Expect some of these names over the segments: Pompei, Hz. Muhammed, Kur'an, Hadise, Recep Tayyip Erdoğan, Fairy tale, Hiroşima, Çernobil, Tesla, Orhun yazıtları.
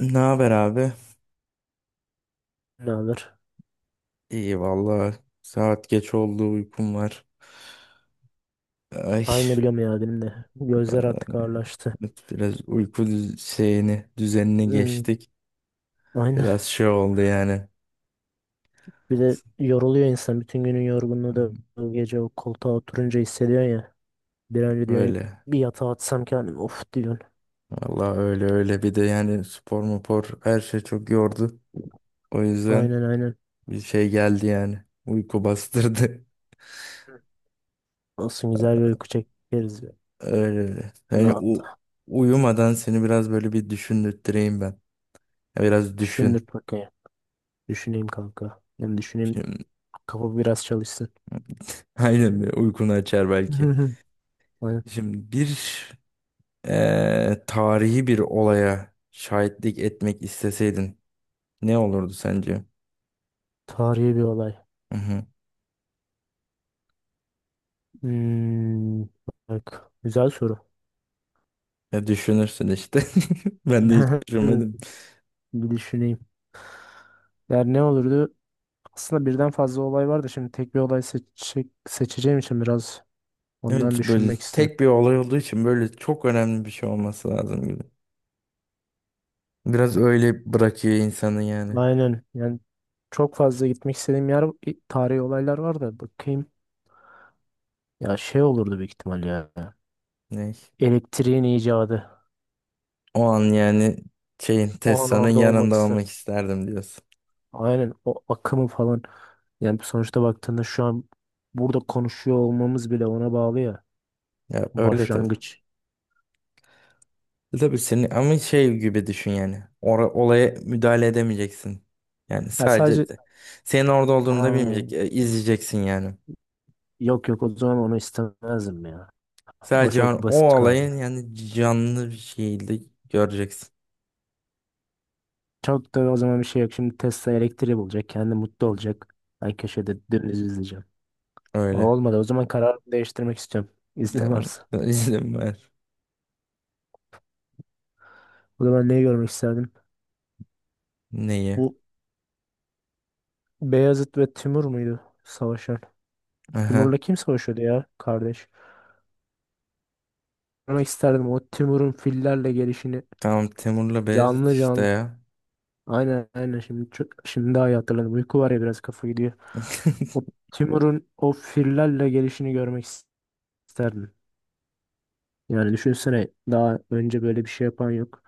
Ne haber abi? Ne alır? İyi valla. Saat geç oldu, uykum var. Ay, Aynı biliyorum ya, benim de. Gözler e, artık ağırlaştı. biraz uyku şeyini düzenini Hmm, geçtik. aynen. Biraz şey oldu yani. Bir de yoruluyor insan. Bütün günün yorgunluğu da o gece o koltuğa oturunca hissediyorsun ya. Bir an önce diyorsun Öyle. bir yatağa atsam kendimi of diyorsun. Valla, öyle öyle. Bir de yani spor mupor her şey çok yordu. O yüzden Aynen aynen. bir şey geldi yani. Uyku bastırdı. Olsun, güzel bir uyku çekeriz ya. Öyle öyle. Yani Rahat. uyumadan seni biraz böyle bir düşündürteyim ben. Biraz düşün. Düşündür bakayım. Düşüneyim kanka. Ben düşüneyim. Şimdi, Kafa biraz çalışsın. aynen, bir uykunu açar belki. Aynen. Şimdi bir tarihi bir olaya şahitlik etmek isteseydin, ne olurdu sence? Tarihi bir olay. Hı hı. Hmm, bak. Güzel soru. Ya, düşünürsün işte. Ben de hiç düşünmedim. Bir düşüneyim. Yani ne olurdu? Aslında birden fazla olay var da şimdi tek bir olay seçeceğim için biraz ondan Evet, böyle düşünmek istedim. tek bir olay olduğu için böyle çok önemli bir şey olması lazım gibi. Biraz öyle bırakıyor insanı yani. Aynen yani çok fazla gitmek istediğim yer, tarihi olaylar var da bakayım. Ya şey olurdu büyük ihtimal ya. Ne? Elektriğin icadı. O an yani şeyin, O an Tesla'nın orada olmak yanında istedim. olmak isterdim diyorsun. Aynen, o akımı falan. Yani sonuçta baktığında şu an burada konuşuyor olmamız bile ona bağlı ya. Ya öyle, tabii. Başlangıç. Tabii senin ama şey gibi düşün yani. Olaya müdahale edemeyeceksin. Yani Ya sadece sadece senin orada Ha, olduğunu da bilmeyecek. İzleyeceksin yani. yok yok, o zaman onu istemezdim ya. O Sadece çok o basit kaldı. olayın yani canlı bir şekilde göreceksin. Çok da o zaman bir şey yok. Şimdi Tesla elektriği bulacak. Kendi mutlu Hı hı. olacak. Ben köşede dümdüz izleyeceğim. O Öyle. olmadı. O zaman kararımı değiştirmek istiyorum. İznin Tamam. varsa. İzin ver. O zaman neyi görmek isterdim? Neyi? Bu Beyazıt ve Timur muydu savaşan? Aha. Timur'la kim savaşıyordu ya kardeş? Görmek isterdim o Timur'un fillerle gelişini Tamam, Temur'la Beyazıt canlı işte canlı. ya. Aynen aynen, şimdi çok, şimdi daha iyi hatırladım. Uyku var ya, biraz kafa gidiyor. O Timur'un o fillerle gelişini görmek isterdim. Yani düşünsene, daha önce böyle bir şey yapan yok.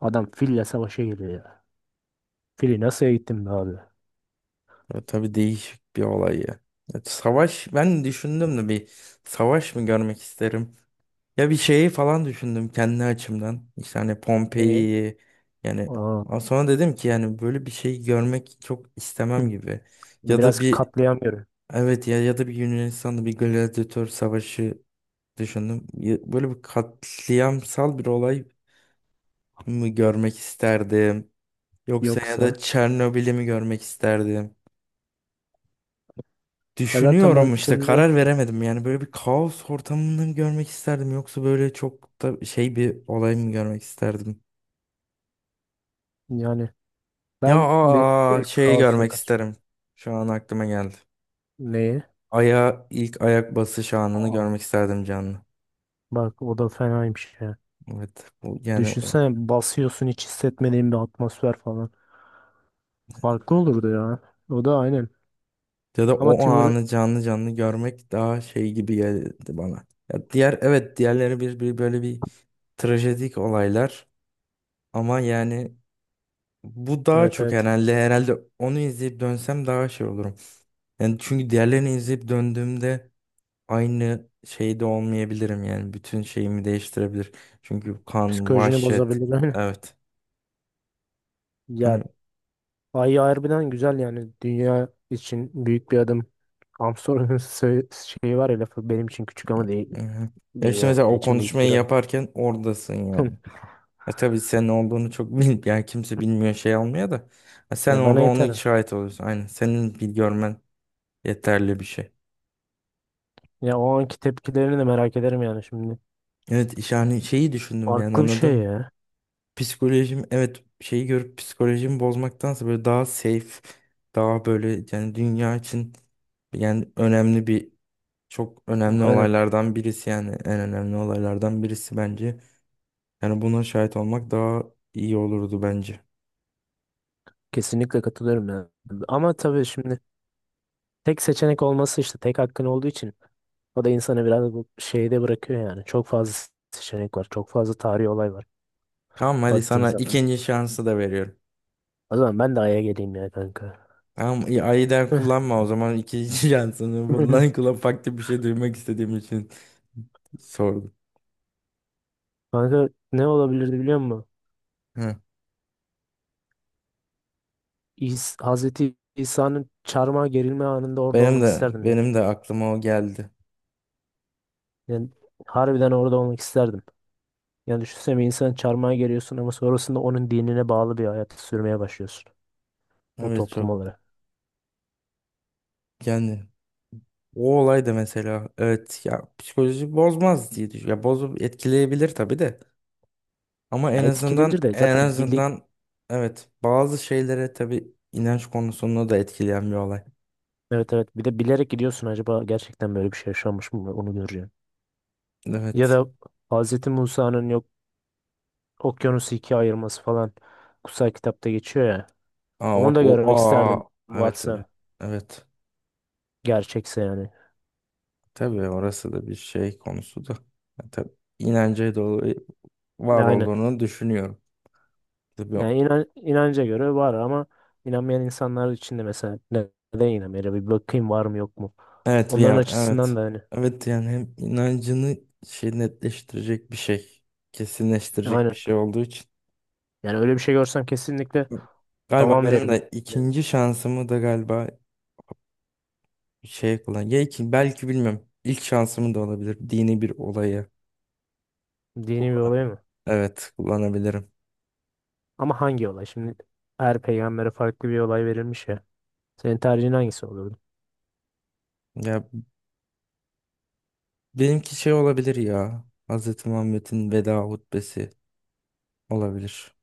Adam fille savaşa geliyor ya. Fili nasıl eğittim be abi? Ya tabii, değişik bir olay ya. Ya savaş, ben düşündüm de bir savaş mı görmek isterim? Ya bir şeyi falan düşündüm kendi açımdan. İşte hani Neyi? Pompei'yi yani, Aa, ama sonra dedim ki yani böyle bir şey görmek çok istemem hı, gibi. Ya da biraz bir, katlayamıyorum. evet ya, ya da bir Yunanistan'da bir gladyatör savaşı düşündüm. Ya böyle bir katliamsal bir olay mı görmek isterdim? Yoksa ya da Yoksa Çernobil'i mi görmek isterdim? ya zaten Düşünüyorum işte, baktığında karar veremedim. Yani böyle bir kaos ortamını mı görmek isterdim, yoksa böyle çok da şey bir olay mı görmek isterdim? yani Ya, ben direkt şeyi kaosa görmek kaçıyorum. isterim. Şu an aklıma geldi. Neyi? Aya ilk ayak basış anını Aa, görmek isterdim, canlı. bak o da fenaymış ya. Evet. Bu, yani o Düşünsene, basıyorsun hiç hissetmediğin bir atmosfer falan. Farklı olurdu ya. O da aynen. ya da Ama o Timur anı canlı canlı görmek daha şey gibi geldi bana. Ya diğer, evet, diğerleri bir böyle bir trajedik olaylar ama yani bu daha evet çok evet, herhalde onu izleyip dönsem daha şey olurum. Yani çünkü diğerlerini izleyip döndüğümde aynı şeyde olmayabilirim, yani bütün şeyimi değiştirebilir. Çünkü kan, psikolojini vahşet. bozabilir. Evet. Ya, Hani, Ay harbiden güzel yani, dünya için büyük bir adım. Armstrong'un şeyi var ya, lafı, benim için küçük ama değil, hı hı. Ya işte dünya mesela o için büyük konuşmayı bir adım. yaparken oradasın yani. Tabii senin olduğunu çok bilmiyor. Yani kimse bilmiyor, şey almıyor da. Sen Ya orada bana onun yeter. şahit oluyorsun. Aynen. Senin bir görmen yeterli bir şey. Ya o anki tepkilerini de merak ederim yani şimdi. Evet, yani şeyi düşündüm, yani Farklı bir şey anladım. ya. Psikolojim, evet, şeyi görüp psikolojimi bozmaktansa böyle daha safe, daha böyle yani dünya için, yani önemli bir, çok önemli Aynen, olaylardan birisi, yani en önemli olaylardan birisi bence. Yani buna şahit olmak daha iyi olurdu bence. kesinlikle katılıyorum ya. Ama tabii şimdi tek seçenek olması, işte tek hakkın olduğu için o da insanı biraz bu şeyde bırakıyor yani. Çok fazla seçenek var. Çok fazla tarihi olay var Tamam, hadi baktığın sana zaman. ikinci şansı da veriyorum. O zaman ben de Ay'a geleyim ya kanka. Tamam iyi, ayıdan kullanma o zaman ikinci şansını. Bundan kula farklı bir şey duymak istediğim için sordum. Kanka ne olabilirdi biliyor musun? Hı. Hazreti İsa'nın çarmıha gerilme anında orada Benim olmak de isterdim ya. benim de aklıma o geldi. Yani harbiden orada olmak isterdim. Yani düşünsene, bir insan çarmıha geriyorsun ama sonrasında onun dinine bağlı bir hayat sürmeye başlıyorsun. O Evet toplum çok, olarak. yani o olay da mesela, evet ya, psikoloji bozmaz diye düşünüyorum. Ya bozup etkileyebilir tabii de. Ama Ya en etkileyebilir azından de en zaten azından evet bazı şeylere, tabii inanç konusunda da etkileyen bir olay. evet evet, bir de bilerek gidiyorsun, acaba gerçekten böyle bir şey yaşanmış mı onu göreceksin. Ya Evet. da Hazreti Musa'nın yok, okyanusu ikiye ayırması falan kutsal kitapta geçiyor ya. Aa Onu bak, da o, görmek aa, isterdim evet evet. varsa, Evet. gerçekse yani. Tabii orası da bir şey konusu da. Ya tabii, inanca dolu var Aynen. olduğunu düşünüyorum. Tabii. Yani inanca göre var ama inanmayan insanlar için de mesela neden inanmıyor? Bir bakayım var mı yok mu? Evet Onların ya, açısından evet. da hani Evet, yani hem inancını şey netleştirecek bir şey, kesinleştirecek bir aynen. şey olduğu için. Yani öyle bir şey görsem kesinlikle Galiba tamam benim derim. de Yani ikinci şansımı da galiba şey kullan. Ya belki bilmiyorum. İlk şansım da olabilir. Dini bir olayı. dini bir olay mı? Evet, kullanabilirim. Ama hangi olay? Şimdi her peygambere farklı bir olay verilmiş ya. Senin tercihin hangisi olurdu? Ya benimki şey olabilir ya. Hz. Muhammed'in veda hutbesi olabilir.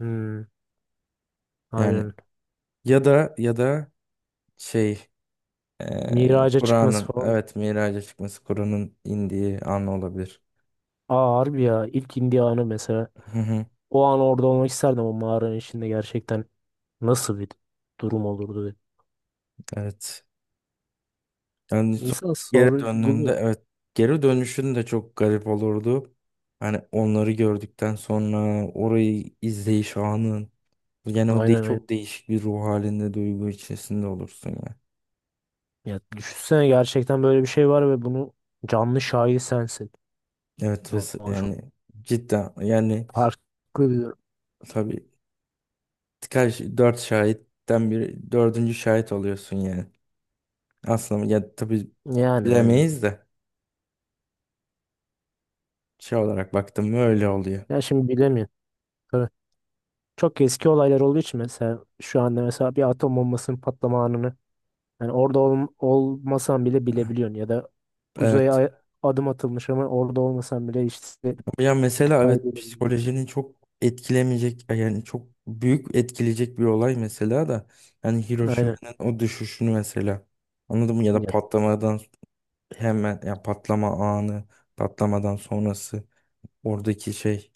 Hmm, Yani, aynen. ya da şey, Miraca çıkması Kur'an'ın, falan. evet, miraca çıkması, Kur'an'ın indiği an olabilir. Aa harbi ya, ilk indiği anı mesela. Hı hı. O an orada olmak isterdim o mağaranın içinde, gerçekten nasıl bir durum olurdu diye. Evet. Yani İnsan geri döndüğünde, sorguluyor. evet, geri dönüşün de çok garip olurdu. Hani onları gördükten sonra orayı izleyiş anın, yani o de Aynen aynen. çok değişik bir ruh halinde, duygu içerisinde olursun ya. Ya düşünsene, gerçekten böyle bir şey var ve bunu canlı şahidi sensin. Evet Ya, ve çok yani cidden, yani farklı bir durum. tabii dört şahitten bir dördüncü şahit oluyorsun yani. Aslında ya tabii Yani aynen. bilemeyiz de şey olarak baktım mı öyle oluyor. Ya şimdi bilemiyorum. Tabii çok eski olaylar olduğu için, mesela şu anda mesela bir atom bombasının patlama anını yani orada olmasan bile bilebiliyorsun, ya da uzaya Evet. Adım atılmış ama orada olmasan bile işte Ama ya mesela evet, kaybediyorsun. psikolojinin çok etkilemeyecek yani çok büyük etkileyecek bir olay mesela da, yani Aynen. Hiroşima'nın o düşüşünü mesela, anladın mı, ya da patlamadan, hemen ya, patlama anı, patlamadan sonrası, oradaki şey.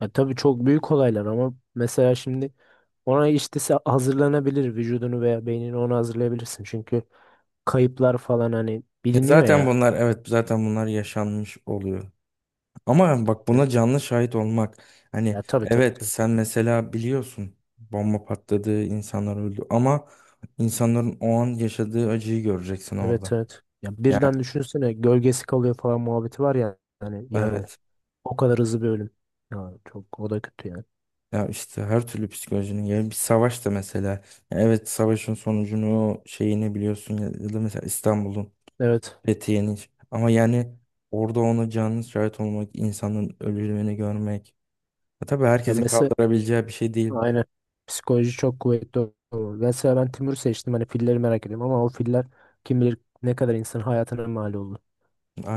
Ya tabii çok büyük olaylar ama mesela şimdi ona işte hazırlanabilir, vücudunu veya beynini ona hazırlayabilirsin. Çünkü kayıplar falan hani Ya biliniyor zaten ya. bunlar, evet, zaten bunlar yaşanmış oluyor. Ama bak, Ya, buna canlı şahit olmak. Hani, ya tabii tabii evet, tabii. sen mesela biliyorsun bomba patladı, insanlar öldü ama insanların o an yaşadığı acıyı göreceksin Evet orada. evet. Ya Ya birden düşünsene, gölgesi kalıyor falan muhabbeti var ya hani yerde. evet. O kadar hızlı bir ölüm. Ya çok, o da kötü yani. Ya işte her türlü psikolojinin, ya bir savaş da mesela. Ya evet, savaşın sonucunu şeyini biliyorsun ya, ya da mesela İstanbul'un, Evet. Fethiye'nin, ama yani orada ona canlı şahit olmak, insanın ölümünü görmek. Ya tabii, Ya herkesin mesela kaldırabileceği bir şey değil. aynen, psikoloji çok kuvvetli olur. Mesela ben Timur seçtim, hani filleri merak ediyorum ama o filler kim bilir ne kadar insan hayatına mal oldu.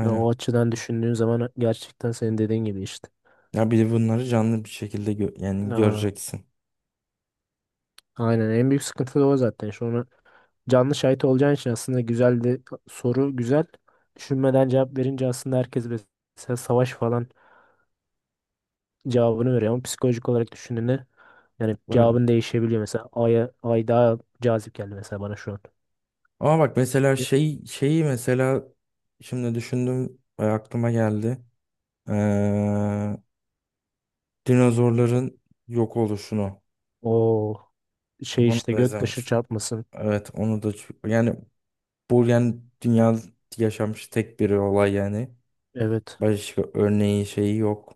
Ya, o açıdan düşündüğün zaman gerçekten senin dediğin gibi işte. Ya bir de bunları canlı bir şekilde yani Aa, göreceksin. aynen en büyük sıkıntı da o zaten. Şu onu canlı şahit olacağın için aslında güzel de, soru güzel. Düşünmeden cevap verince aslında herkes mesela savaş falan cevabını veriyor ama psikolojik olarak düşündüğünde yani Böyle. cevabın değişebiliyor. Mesela Ay'a, Ay daha cazip geldi mesela bana şu an. Ama bak mesela şey şeyi mesela şimdi düşündüm ve aklıma geldi. Ee, Dinozorların yok oluşunu. O şey Bunu işte, da göktaşı izlemeksin. çarpmasın. Evet onu da yani bu yani dünyada yaşanmış tek bir olay yani. Evet. Başka örneği şeyi yok.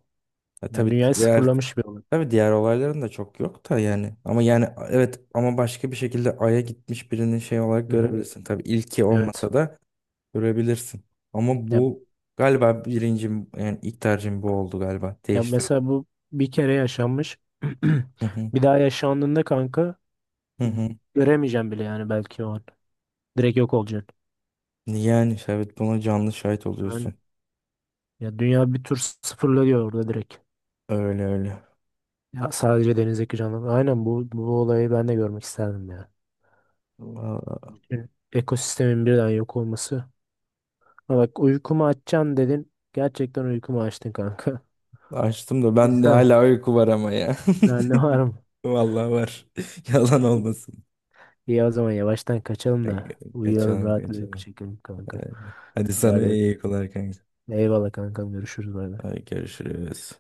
Ya Yani tabii dünyayı diğer, sıfırlamış bir olay. Olayların da çok yok da yani. Ama yani evet, ama başka bir şekilde Ay'a gitmiş birinin şey olarak Hı hı. görebilirsin. Tabii ilki Evet. olmasa da görebilirsin. Ama Ya bu galiba birincim, yani ilk tercihim bu oldu galiba. Ya Değiştirdim. mesela bu bir kere yaşanmış. Hı hı. Bir daha yaşandığında kanka, Hı e, hı. göremeyeceğim bile yani belki o an. Direkt yok olacaksın. Yani işte evet buna canlı şahit Yani, oluyorsun. ya dünya bir tur sıfırlanıyor orada direkt. Öyle öyle. Ya sadece denizdeki canlı. Aynen, bu olayı ben de görmek isterdim ya. Vallahi Bütün ekosistemin birden yok olması. Ha bak, uykumu açacaksın dedin. Gerçekten uykumu açtın kanka. açtım da ben de Güzel. hala uyku var ama ya. Ben ne varım? Vallahi var. Yalan olmasın. İyi, o zaman yavaştan kaçalım da uyuyalım, Kaçalım, rahat bir uyku kaçalım. çekelim kanka. Hadi Ya, sana iyi uykular kanka. Eyvallah kankam, görüşürüz. Bay bay. Hadi görüşürüz.